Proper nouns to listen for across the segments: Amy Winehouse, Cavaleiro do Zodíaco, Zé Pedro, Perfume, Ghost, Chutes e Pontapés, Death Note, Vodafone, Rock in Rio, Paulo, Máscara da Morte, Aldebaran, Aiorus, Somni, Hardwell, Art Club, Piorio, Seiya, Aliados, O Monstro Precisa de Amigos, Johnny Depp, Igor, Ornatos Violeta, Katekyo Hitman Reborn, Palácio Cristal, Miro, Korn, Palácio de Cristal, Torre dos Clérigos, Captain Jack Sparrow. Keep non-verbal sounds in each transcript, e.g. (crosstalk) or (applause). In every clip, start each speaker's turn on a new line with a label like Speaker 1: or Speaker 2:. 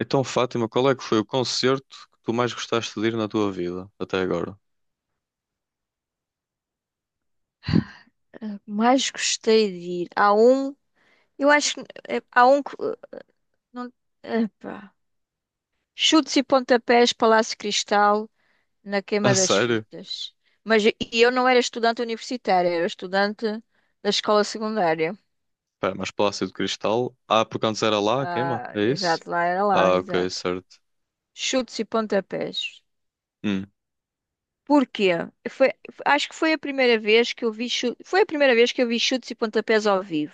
Speaker 1: Então, Fátima, qual é que foi o concerto que tu mais gostaste de ir na tua vida até agora? (laughs)
Speaker 2: Mais gostei de ir. Há um, eu acho que há um que não, epá. Chutes e pontapés, Palácio Cristal, na queima
Speaker 1: A
Speaker 2: das
Speaker 1: sério?
Speaker 2: fitas. Mas e eu não era estudante universitária, era estudante da escola secundária.
Speaker 1: Espera, mas Palácio de Cristal? Ah, porque antes era lá, queima?
Speaker 2: Ah,
Speaker 1: É isso?
Speaker 2: exato, lá era lá,
Speaker 1: Ah, ok,
Speaker 2: exato.
Speaker 1: certo.
Speaker 2: Chutes e pontapés.
Speaker 1: Hum,
Speaker 2: Porquê? Foi, acho que foi a primeira vez que eu vi chu- foi a primeira vez que eu vi chutes e pontapés ao vivo.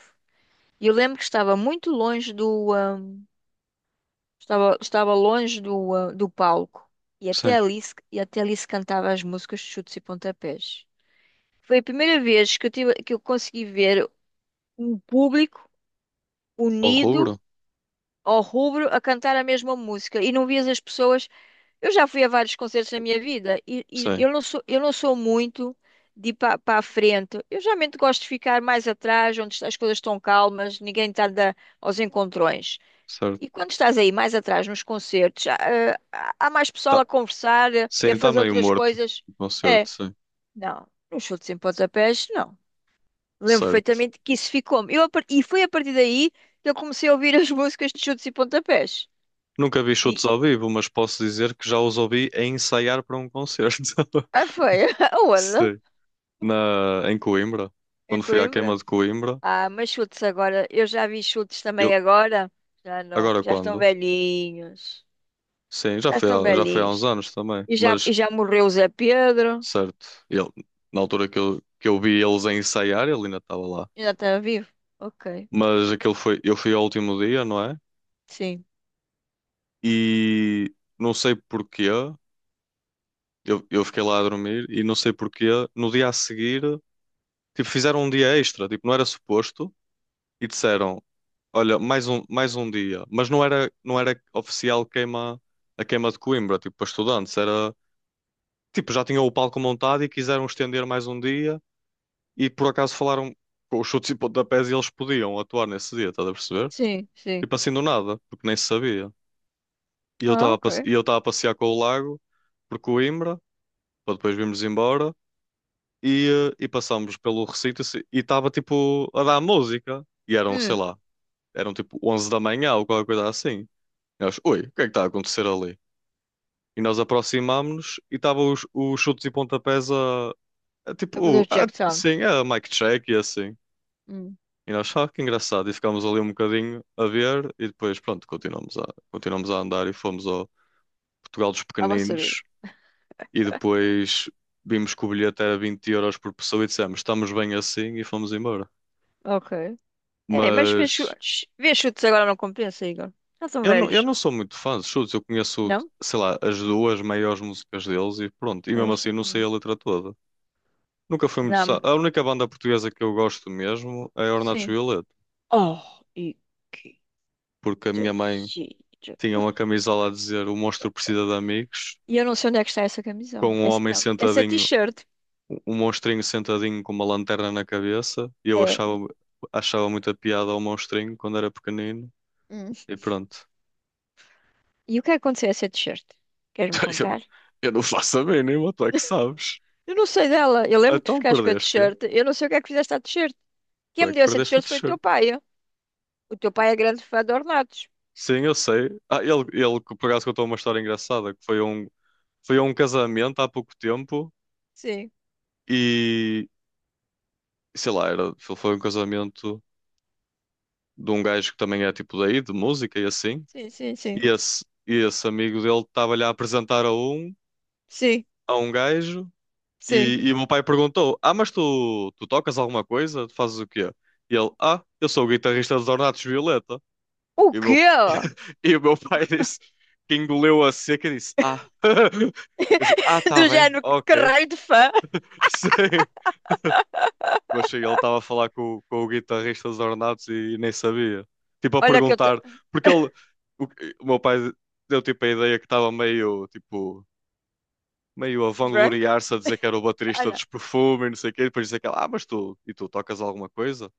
Speaker 2: E eu lembro que estava longe do, do palco e até
Speaker 1: sim.
Speaker 2: ali, se cantava as músicas de chutes e pontapés. Foi a primeira vez que que eu consegui ver um público
Speaker 1: Ao rubro?
Speaker 2: unido ao rubro a cantar a mesma música e não vias as pessoas. Eu já fui a vários concertos na minha vida e
Speaker 1: Sim,
Speaker 2: eu não sou muito de ir para a frente. Eu geralmente gosto de ficar mais atrás, onde as coisas estão calmas, ninguém está a dar aos encontrões.
Speaker 1: certo.
Speaker 2: E quando estás aí mais atrás nos concertos, há mais pessoal a
Speaker 1: Tá.
Speaker 2: conversar,
Speaker 1: Sim,
Speaker 2: e a
Speaker 1: está
Speaker 2: fazer
Speaker 1: meio
Speaker 2: outras
Speaker 1: morto
Speaker 2: coisas?
Speaker 1: o concerto,
Speaker 2: É,
Speaker 1: sim.
Speaker 2: não. Nos chutes em pontapés, não. Lembro
Speaker 1: Certo.
Speaker 2: perfeitamente que isso ficou. E foi a partir daí que eu comecei a ouvir (laughs) as músicas de chutes e pontapés.
Speaker 1: Nunca vi chutes
Speaker 2: E
Speaker 1: ao vivo, mas posso dizer que já os ouvi a ensaiar para um concerto. (laughs)
Speaker 2: ah, foi, (laughs) aonde?
Speaker 1: Sim. Em Coimbra.
Speaker 2: Em
Speaker 1: Quando fui à queima
Speaker 2: Coimbra.
Speaker 1: de Coimbra.
Speaker 2: Ah, mas chutes agora, eu já vi chutes também
Speaker 1: Eu...
Speaker 2: agora. Já não,
Speaker 1: Agora
Speaker 2: já estão
Speaker 1: quando?
Speaker 2: velhinhos.
Speaker 1: Sim, já
Speaker 2: Já
Speaker 1: foi,
Speaker 2: estão
Speaker 1: já foi há uns
Speaker 2: velhinhos.
Speaker 1: anos também.
Speaker 2: E já,
Speaker 1: Mas,
Speaker 2: e já morreu o Zé Pedro.
Speaker 1: certo, ele, na altura que eu vi eles a ensaiar, ele ainda estava lá.
Speaker 2: Ainda está vivo? Ok,
Speaker 1: Mas aquele foi, eu fui ao último dia, não é?
Speaker 2: sim.
Speaker 1: E não sei porquê, eu fiquei lá a dormir e não sei porquê, no dia a seguir, tipo, fizeram um dia extra, tipo, não era suposto, e disseram, olha, mais um dia. Mas não era oficial queima, a queima de Coimbra, tipo, para estudantes, Tipo, já tinham o palco montado e quiseram estender mais um dia. E por acaso falaram com os chutes e pontapés e eles podiam atuar nesse dia, estás a perceber?
Speaker 2: Sì, sì.
Speaker 1: Tipo assim do nada, porque nem se sabia. E eu
Speaker 2: Ah,
Speaker 1: estava a, passe-
Speaker 2: ok.
Speaker 1: e eu estava a passear com o lago por Coimbra, para depois virmos embora, e, eh, e passámos pelo recinto assim, e estava tipo a dar música. E eram, sei
Speaker 2: Mm,
Speaker 1: lá, eram tipo 11 da manhã ou qualquer coisa assim. E nós, ui, o que é que está a acontecer ali? E nós aproximámos-nos e estavam os chutes e pontapés a, a
Speaker 2: devo fazer o
Speaker 1: tipo, a,
Speaker 2: check sound.
Speaker 1: sim, a mic check e assim.
Speaker 2: Mm,
Speaker 1: E nós, ah, que engraçado. E ficámos ali um bocadinho a ver e depois, pronto, continuamos a andar e fomos ao Portugal dos
Speaker 2: abbasso.
Speaker 1: Pequeninos e depois vimos que o bilhete era 20 euros por pessoa e dissemos, estamos bem assim e fomos embora.
Speaker 2: Ok. É, mas ver
Speaker 1: Mas
Speaker 2: chutes. Ver chutes agora não compensa, Igor. Já são
Speaker 1: eu não, eu
Speaker 2: velhos.
Speaker 1: não sou muito fã de Chutes, eu conheço,
Speaker 2: Não?
Speaker 1: sei lá, as duas maiores músicas deles e pronto. E mesmo assim não sei
Speaker 2: Hum.
Speaker 1: a letra toda. Nunca fui muito.
Speaker 2: Não.
Speaker 1: A única banda portuguesa que eu gosto mesmo é Ornatos
Speaker 2: Sim.
Speaker 1: Violeta,
Speaker 2: Oh, e que
Speaker 1: porque a minha mãe
Speaker 2: giro.
Speaker 1: tinha uma camisola a dizer O Monstro Precisa de Amigos,
Speaker 2: E eu não sei onde é que está essa camisola.
Speaker 1: com um
Speaker 2: Essa,
Speaker 1: homem
Speaker 2: não, essa
Speaker 1: sentadinho,
Speaker 2: t-shirt.
Speaker 1: um monstrinho sentadinho com uma lanterna na cabeça. E eu
Speaker 2: É.
Speaker 1: achava muita piada ao monstrinho quando era pequenino.
Speaker 2: Hum.
Speaker 1: E pronto.
Speaker 2: E o que é que aconteceu a essa t-shirt? Queres-me
Speaker 1: (laughs) Eu, não-
Speaker 2: contar?
Speaker 1: eu não faço a mínima, tu é que sabes.
Speaker 2: Eu não sei dela. Eu lembro que tu
Speaker 1: Então
Speaker 2: ficaste com a
Speaker 1: perdeste-a.
Speaker 2: t-shirt. Eu não sei o que é que fizeste à t-shirt.
Speaker 1: Tu
Speaker 2: Quem me
Speaker 1: é que
Speaker 2: deu essa
Speaker 1: perdeste a
Speaker 2: t-shirt foi o teu
Speaker 1: t-shirt.
Speaker 2: pai. Ó. O teu pai é grande fã de Ornatos.
Speaker 1: Sim, eu sei. Ah, ele que por acaso contou uma história engraçada, que foi a um casamento há pouco tempo
Speaker 2: Sim,
Speaker 1: e, sei lá, era, foi um casamento de um gajo que também é tipo daí, de música e assim.
Speaker 2: sim, sim, sim.
Speaker 1: E esse amigo dele estava-lhe a apresentar a um,
Speaker 2: Sim,
Speaker 1: a um gajo,
Speaker 2: sim.
Speaker 1: e o meu pai perguntou: Ah, mas tu tocas alguma coisa? Tu fazes o quê? E ele: Ah, eu sou o guitarrista dos Ornatos Violeta.
Speaker 2: O
Speaker 1: E o
Speaker 2: quê?
Speaker 1: meu, (laughs) e o meu pai disse, que engoleu a seca e disse: Ah, (laughs) eu disse, Ah,
Speaker 2: (laughs)
Speaker 1: tá
Speaker 2: Do
Speaker 1: bem,
Speaker 2: género que
Speaker 1: ok.
Speaker 2: raio de fã.
Speaker 1: (laughs) Sim. Mas sim, ele estava a falar com o guitarrista dos Ornatos e, nem sabia. Tipo, a
Speaker 2: Olha que eu te.
Speaker 1: perguntar, porque o, o meu pai deu tipo a ideia que estava meio tipo meio a
Speaker 2: Drunk?
Speaker 1: vangloriar-se, a dizer que era o baterista
Speaker 2: Olha.
Speaker 1: dos Perfume, e não sei o quê, e depois dizer que ela, ah, mas tu tocas alguma coisa?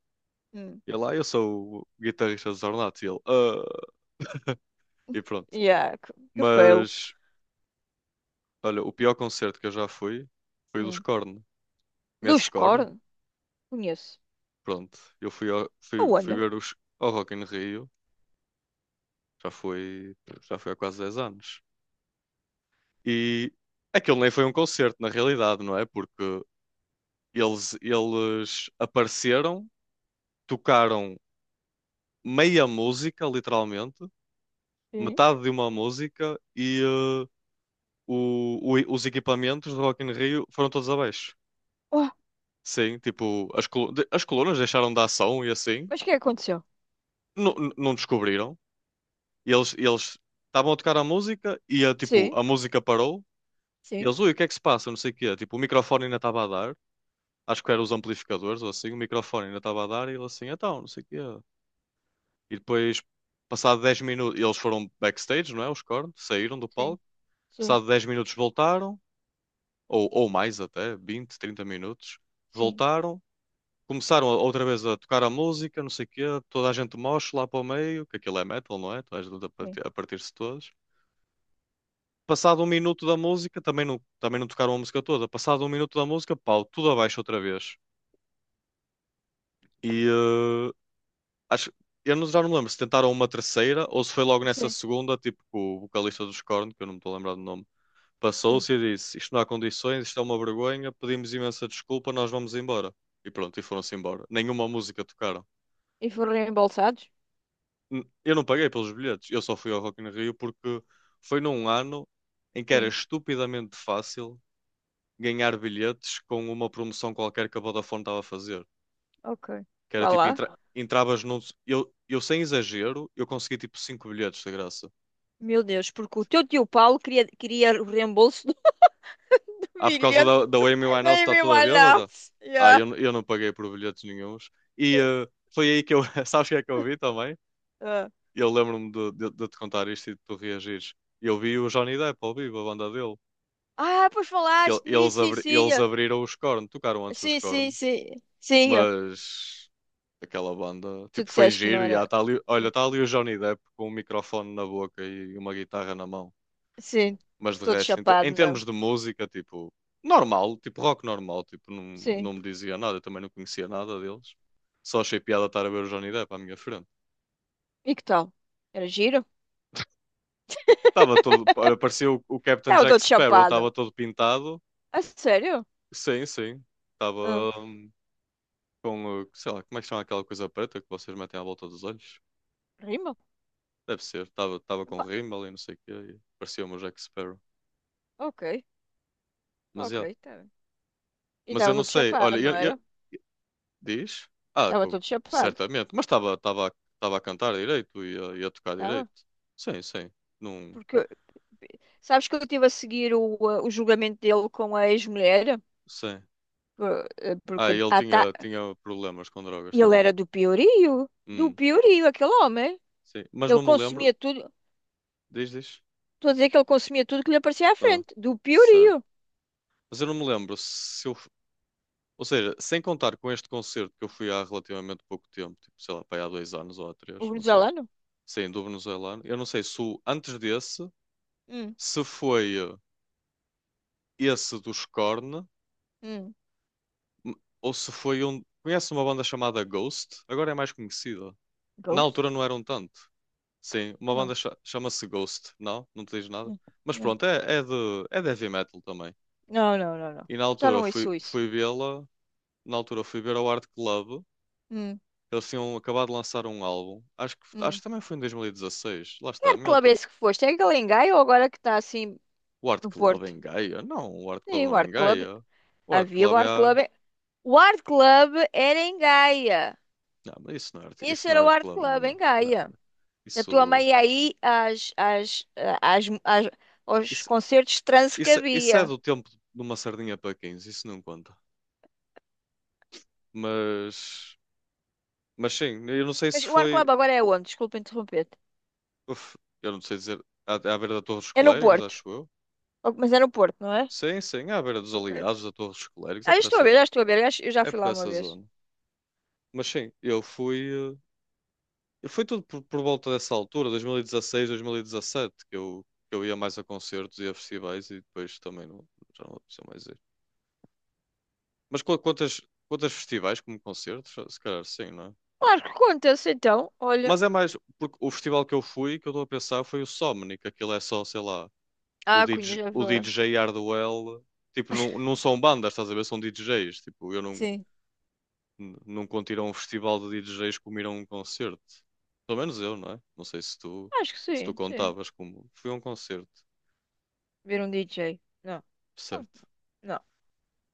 Speaker 2: Hum.
Speaker 1: E ele, ah, eu sou o guitarrista dos Ornato, e ele, ah, e pronto.
Speaker 2: Yeah, que fail.
Speaker 1: Mas, olha, o pior concerto que eu já fui foi o dos
Speaker 2: Hum.
Speaker 1: Korn. Conheces
Speaker 2: Luz
Speaker 1: Korn?
Speaker 2: Corn? Conheço.
Speaker 1: Pronto, eu fui
Speaker 2: Aonde?
Speaker 1: ver os ao Rock in Rio, já foi, já foi há quase 10 anos. E aquilo nem foi um concerto, na realidade, não é? Porque eles apareceram, tocaram meia música, literalmente,
Speaker 2: Sim.
Speaker 1: metade de uma música e os equipamentos do Rock in Rio foram todos abaixo.
Speaker 2: Oh,
Speaker 1: Sim, tipo, as colunas deixaram de ação e assim,
Speaker 2: mas o que é que aconteceu?
Speaker 1: não, não descobriram. E eles estavam a tocar a música e, tipo,
Speaker 2: Sim,
Speaker 1: a música parou. E
Speaker 2: sim,
Speaker 1: eles, ui, o que é que se passa? Não sei o quê. Tipo, o microfone ainda estava a dar. Acho que eram os amplificadores ou assim. O microfone ainda estava a dar e ele assim, então, não sei o quê. E depois, passado 10 minutos, eles foram backstage, não é? Os cornos, saíram do
Speaker 2: sim,
Speaker 1: palco.
Speaker 2: sim,
Speaker 1: Passado 10 minutos voltaram, ou mais até, 20-30 minutos,
Speaker 2: sim,
Speaker 1: voltaram, começaram outra vez a tocar a música, não sei o quê, toda a gente mosh lá para o meio, que aquilo é metal, não é? Toda a gente a
Speaker 2: sim,
Speaker 1: partir- a partir-se todos. Passado um minuto da música, também não tocaram a música toda. Passado um minuto da música, pau, tudo abaixo outra vez. E acho, eu não, já não me lembro se tentaram uma terceira ou se foi logo nessa
Speaker 2: sim,
Speaker 1: segunda, tipo com o vocalista dos Korn, que eu não me estou a lembrar do nome.
Speaker 2: sim.
Speaker 1: Passou-se e disse: Isto não há condições, isto é uma vergonha, pedimos imensa desculpa, nós vamos embora. E pronto, e foram-se embora. Nenhuma música tocaram.
Speaker 2: E foram reembolsados?
Speaker 1: Eu não paguei pelos bilhetes, eu só fui ao Rock in Rio porque foi num ano em que era
Speaker 2: Sim.
Speaker 1: estupidamente fácil ganhar bilhetes com uma promoção qualquer que a Vodafone estava a fazer.
Speaker 2: Ok.
Speaker 1: Que era
Speaker 2: Vá
Speaker 1: tipo,
Speaker 2: lá.
Speaker 1: entravas num. Eu sem exagero, eu consegui tipo 5 bilhetes de graça.
Speaker 2: Meu Deus, porque o teu tio Paulo queria o reembolso do (laughs)
Speaker 1: Ah, por causa
Speaker 2: bilhete
Speaker 1: da Amy
Speaker 2: da
Speaker 1: Winehouse está
Speaker 2: Amy
Speaker 1: toda bêbada?
Speaker 2: Winehouse.
Speaker 1: Ah,
Speaker 2: Yeah.
Speaker 1: eu não paguei por bilhetes nenhuns. E foi aí que eu. (laughs) Sabes o que é que eu vi também?
Speaker 2: Ah.
Speaker 1: Eu lembro-me de te contar isto e de tu reagires. Eu vi o Johnny Depp ao vivo, a banda dele.
Speaker 2: Ah, pois
Speaker 1: Que ele-
Speaker 2: falaste
Speaker 1: eles,
Speaker 2: nisso, sim,
Speaker 1: abri-
Speaker 2: sim,
Speaker 1: eles
Speaker 2: ah.
Speaker 1: abriram os Korn, tocaram antes dos
Speaker 2: Sim, sim,
Speaker 1: Korn,
Speaker 2: sim, sim. Ah.
Speaker 1: mas aquela banda,
Speaker 2: Tu
Speaker 1: tipo, foi
Speaker 2: disseste que não
Speaker 1: giro. E
Speaker 2: era.
Speaker 1: há, tá ali, olha, está ali o Johnny Depp com um microfone na boca e uma guitarra na mão.
Speaker 2: Sim,
Speaker 1: Mas de
Speaker 2: todo
Speaker 1: resto, em, te-
Speaker 2: chapado,
Speaker 1: em
Speaker 2: não.
Speaker 1: termos de música, tipo, normal, tipo rock normal, tipo, não,
Speaker 2: Sim.
Speaker 1: não me dizia nada, eu também não conhecia nada deles. Só achei piada estar a ver o Johnny Depp à minha frente.
Speaker 2: E que tal? Era giro?
Speaker 1: Estava todo, olha, parecia o Captain
Speaker 2: Estava
Speaker 1: Jack
Speaker 2: todo
Speaker 1: Sparrow,
Speaker 2: chapado.
Speaker 1: estava todo pintado.
Speaker 2: A sério?
Speaker 1: Sim, sim.
Speaker 2: Ah,
Speaker 1: Estava com, sei lá, como é que chama aquela coisa preta que vocês metem à volta dos olhos?
Speaker 2: rima?
Speaker 1: Deve ser, estava com
Speaker 2: Epá,
Speaker 1: rímel e não sei o quê, e parecia o meu Jack Sparrow.
Speaker 2: ok,
Speaker 1: Mas, yeah.
Speaker 2: ok, tá bem. E
Speaker 1: Mas eu
Speaker 2: estava
Speaker 1: não
Speaker 2: todo
Speaker 1: sei,
Speaker 2: chapado,
Speaker 1: olha,
Speaker 2: não
Speaker 1: eu,
Speaker 2: era?
Speaker 1: Diz? Ah,
Speaker 2: Estava todo chapado,
Speaker 1: certamente. Mas estava a cantar direito e a tocar
Speaker 2: estava.
Speaker 1: direito. Sim, sim. Não,
Speaker 2: Porque sabes que eu estive a seguir o julgamento dele com a ex-mulher?
Speaker 1: sim.
Speaker 2: Por- ah,
Speaker 1: Ah,
Speaker 2: Porque
Speaker 1: e ele tinha problemas com drogas
Speaker 2: ele
Speaker 1: também.
Speaker 2: era do
Speaker 1: Hum,
Speaker 2: Piorio, aquele homem.
Speaker 1: sim. Mas
Speaker 2: Ele
Speaker 1: não me lembro.
Speaker 2: consumia tudo.
Speaker 1: Diz, diz.
Speaker 2: Estou a dizer que ele consumia tudo que lhe aparecia à
Speaker 1: Ah,
Speaker 2: frente. Do piorio.
Speaker 1: certo. Mas eu não me lembro se eu. Ou seja, sem contar com este concerto que eu fui há relativamente pouco tempo, tipo, sei lá, para aí há 2 anos ou há três,
Speaker 2: O
Speaker 1: não sei.
Speaker 2: venezuelano.
Speaker 1: Sim, do venezuelano. Eu não sei se o, antes desse,
Speaker 2: Hum,
Speaker 1: se foi esse dos Korn.
Speaker 2: hum.
Speaker 1: Ou se foi um. Conhece uma banda chamada Ghost? Agora é mais conhecida. Na altura
Speaker 2: Ghost?
Speaker 1: não eram tanto. Sim, uma banda
Speaker 2: Não.
Speaker 1: chama-se Ghost. Não, não te diz nada.
Speaker 2: Hum.
Speaker 1: Mas
Speaker 2: Não.
Speaker 1: pronto, é de heavy metal também.
Speaker 2: Não, não, não, não.
Speaker 1: E na
Speaker 2: Já
Speaker 1: altura
Speaker 2: não
Speaker 1: fui,
Speaker 2: ouço isso.
Speaker 1: fui vê-la. Na altura fui ver ao Art Club.
Speaker 2: Hum,
Speaker 1: Eles tinham acabado de lançar um álbum. Acho que, acho
Speaker 2: hum.
Speaker 1: que também foi em 2016. Lá
Speaker 2: Que
Speaker 1: está, a
Speaker 2: Art
Speaker 1: minha
Speaker 2: Club é
Speaker 1: altura.
Speaker 2: esse que foste? É aquele em Gaia ou agora que está assim
Speaker 1: O Art
Speaker 2: no
Speaker 1: Club é
Speaker 2: Porto?
Speaker 1: em Gaia? Não, o Art
Speaker 2: Sim,
Speaker 1: Club
Speaker 2: o
Speaker 1: não é
Speaker 2: Art
Speaker 1: em
Speaker 2: Club.
Speaker 1: Gaia. O Art
Speaker 2: Havia o
Speaker 1: Club é
Speaker 2: Art
Speaker 1: a.
Speaker 2: Club. O Art Club era em Gaia.
Speaker 1: Não, mas isso não é, art-
Speaker 2: Esse
Speaker 1: isso não é
Speaker 2: era o
Speaker 1: Art
Speaker 2: Art
Speaker 1: Club
Speaker 2: Club
Speaker 1: nenhum.
Speaker 2: em
Speaker 1: Não,
Speaker 2: Gaia. A tua
Speaker 1: isso.
Speaker 2: mãe ia aí às, às, às, às- aos
Speaker 1: Isso
Speaker 2: concertos de transe que
Speaker 1: isso é
Speaker 2: havia.
Speaker 1: do tempo de uma sardinha para 15, isso não conta. Mas, mas sim, eu não sei se
Speaker 2: Mas o Art
Speaker 1: foi.
Speaker 2: Club agora é onde? Desculpa interromper-te.
Speaker 1: Eu não sei dizer. À beira da Torre dos
Speaker 2: É no
Speaker 1: Clérigos,
Speaker 2: Porto.
Speaker 1: acho eu.
Speaker 2: Oh, mas é no Porto, não é?
Speaker 1: Sim, sim, à beira dos
Speaker 2: Ok.
Speaker 1: Aliados da Torre dos Clérigos, é
Speaker 2: Ah, eu
Speaker 1: por
Speaker 2: estou a
Speaker 1: essa,
Speaker 2: ver, já estou a ver. Eu já
Speaker 1: é
Speaker 2: fui
Speaker 1: por
Speaker 2: lá uma
Speaker 1: essa
Speaker 2: vez.
Speaker 1: zona. Mas sim, eu fui. Foi tudo por volta dessa altura, 2016, 2017, que eu ia mais a concertos e a festivais e depois também não, já não apeteceu mais ir. Mas quantas festivais como concertos? Se calhar sim, não é?
Speaker 2: Claro que conta-se então. Olha.
Speaker 1: Mas é mais, porque o festival que eu fui, que eu estou a pensar, foi o Somni, que aquilo é só, sei lá,
Speaker 2: Ah,
Speaker 1: o
Speaker 2: Cunha
Speaker 1: DJ,
Speaker 2: já
Speaker 1: o
Speaker 2: foi.
Speaker 1: DJ Hardwell, tipo, não, não são bandas, estás a ver? São DJs, tipo, eu não,
Speaker 2: Sim.
Speaker 1: não conto ir a um festival de DJs como ir a um concerto. Pelo menos eu, não é? Não sei se tu,
Speaker 2: Acho que
Speaker 1: se tu
Speaker 2: sim, sim.
Speaker 1: contavas como, fui a um concerto,
Speaker 2: Ver um DJ. Não. Oh,
Speaker 1: certo?
Speaker 2: não,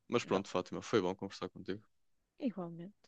Speaker 1: Mas
Speaker 2: não.
Speaker 1: pronto, Fátima, foi bom conversar contigo.
Speaker 2: Igualmente.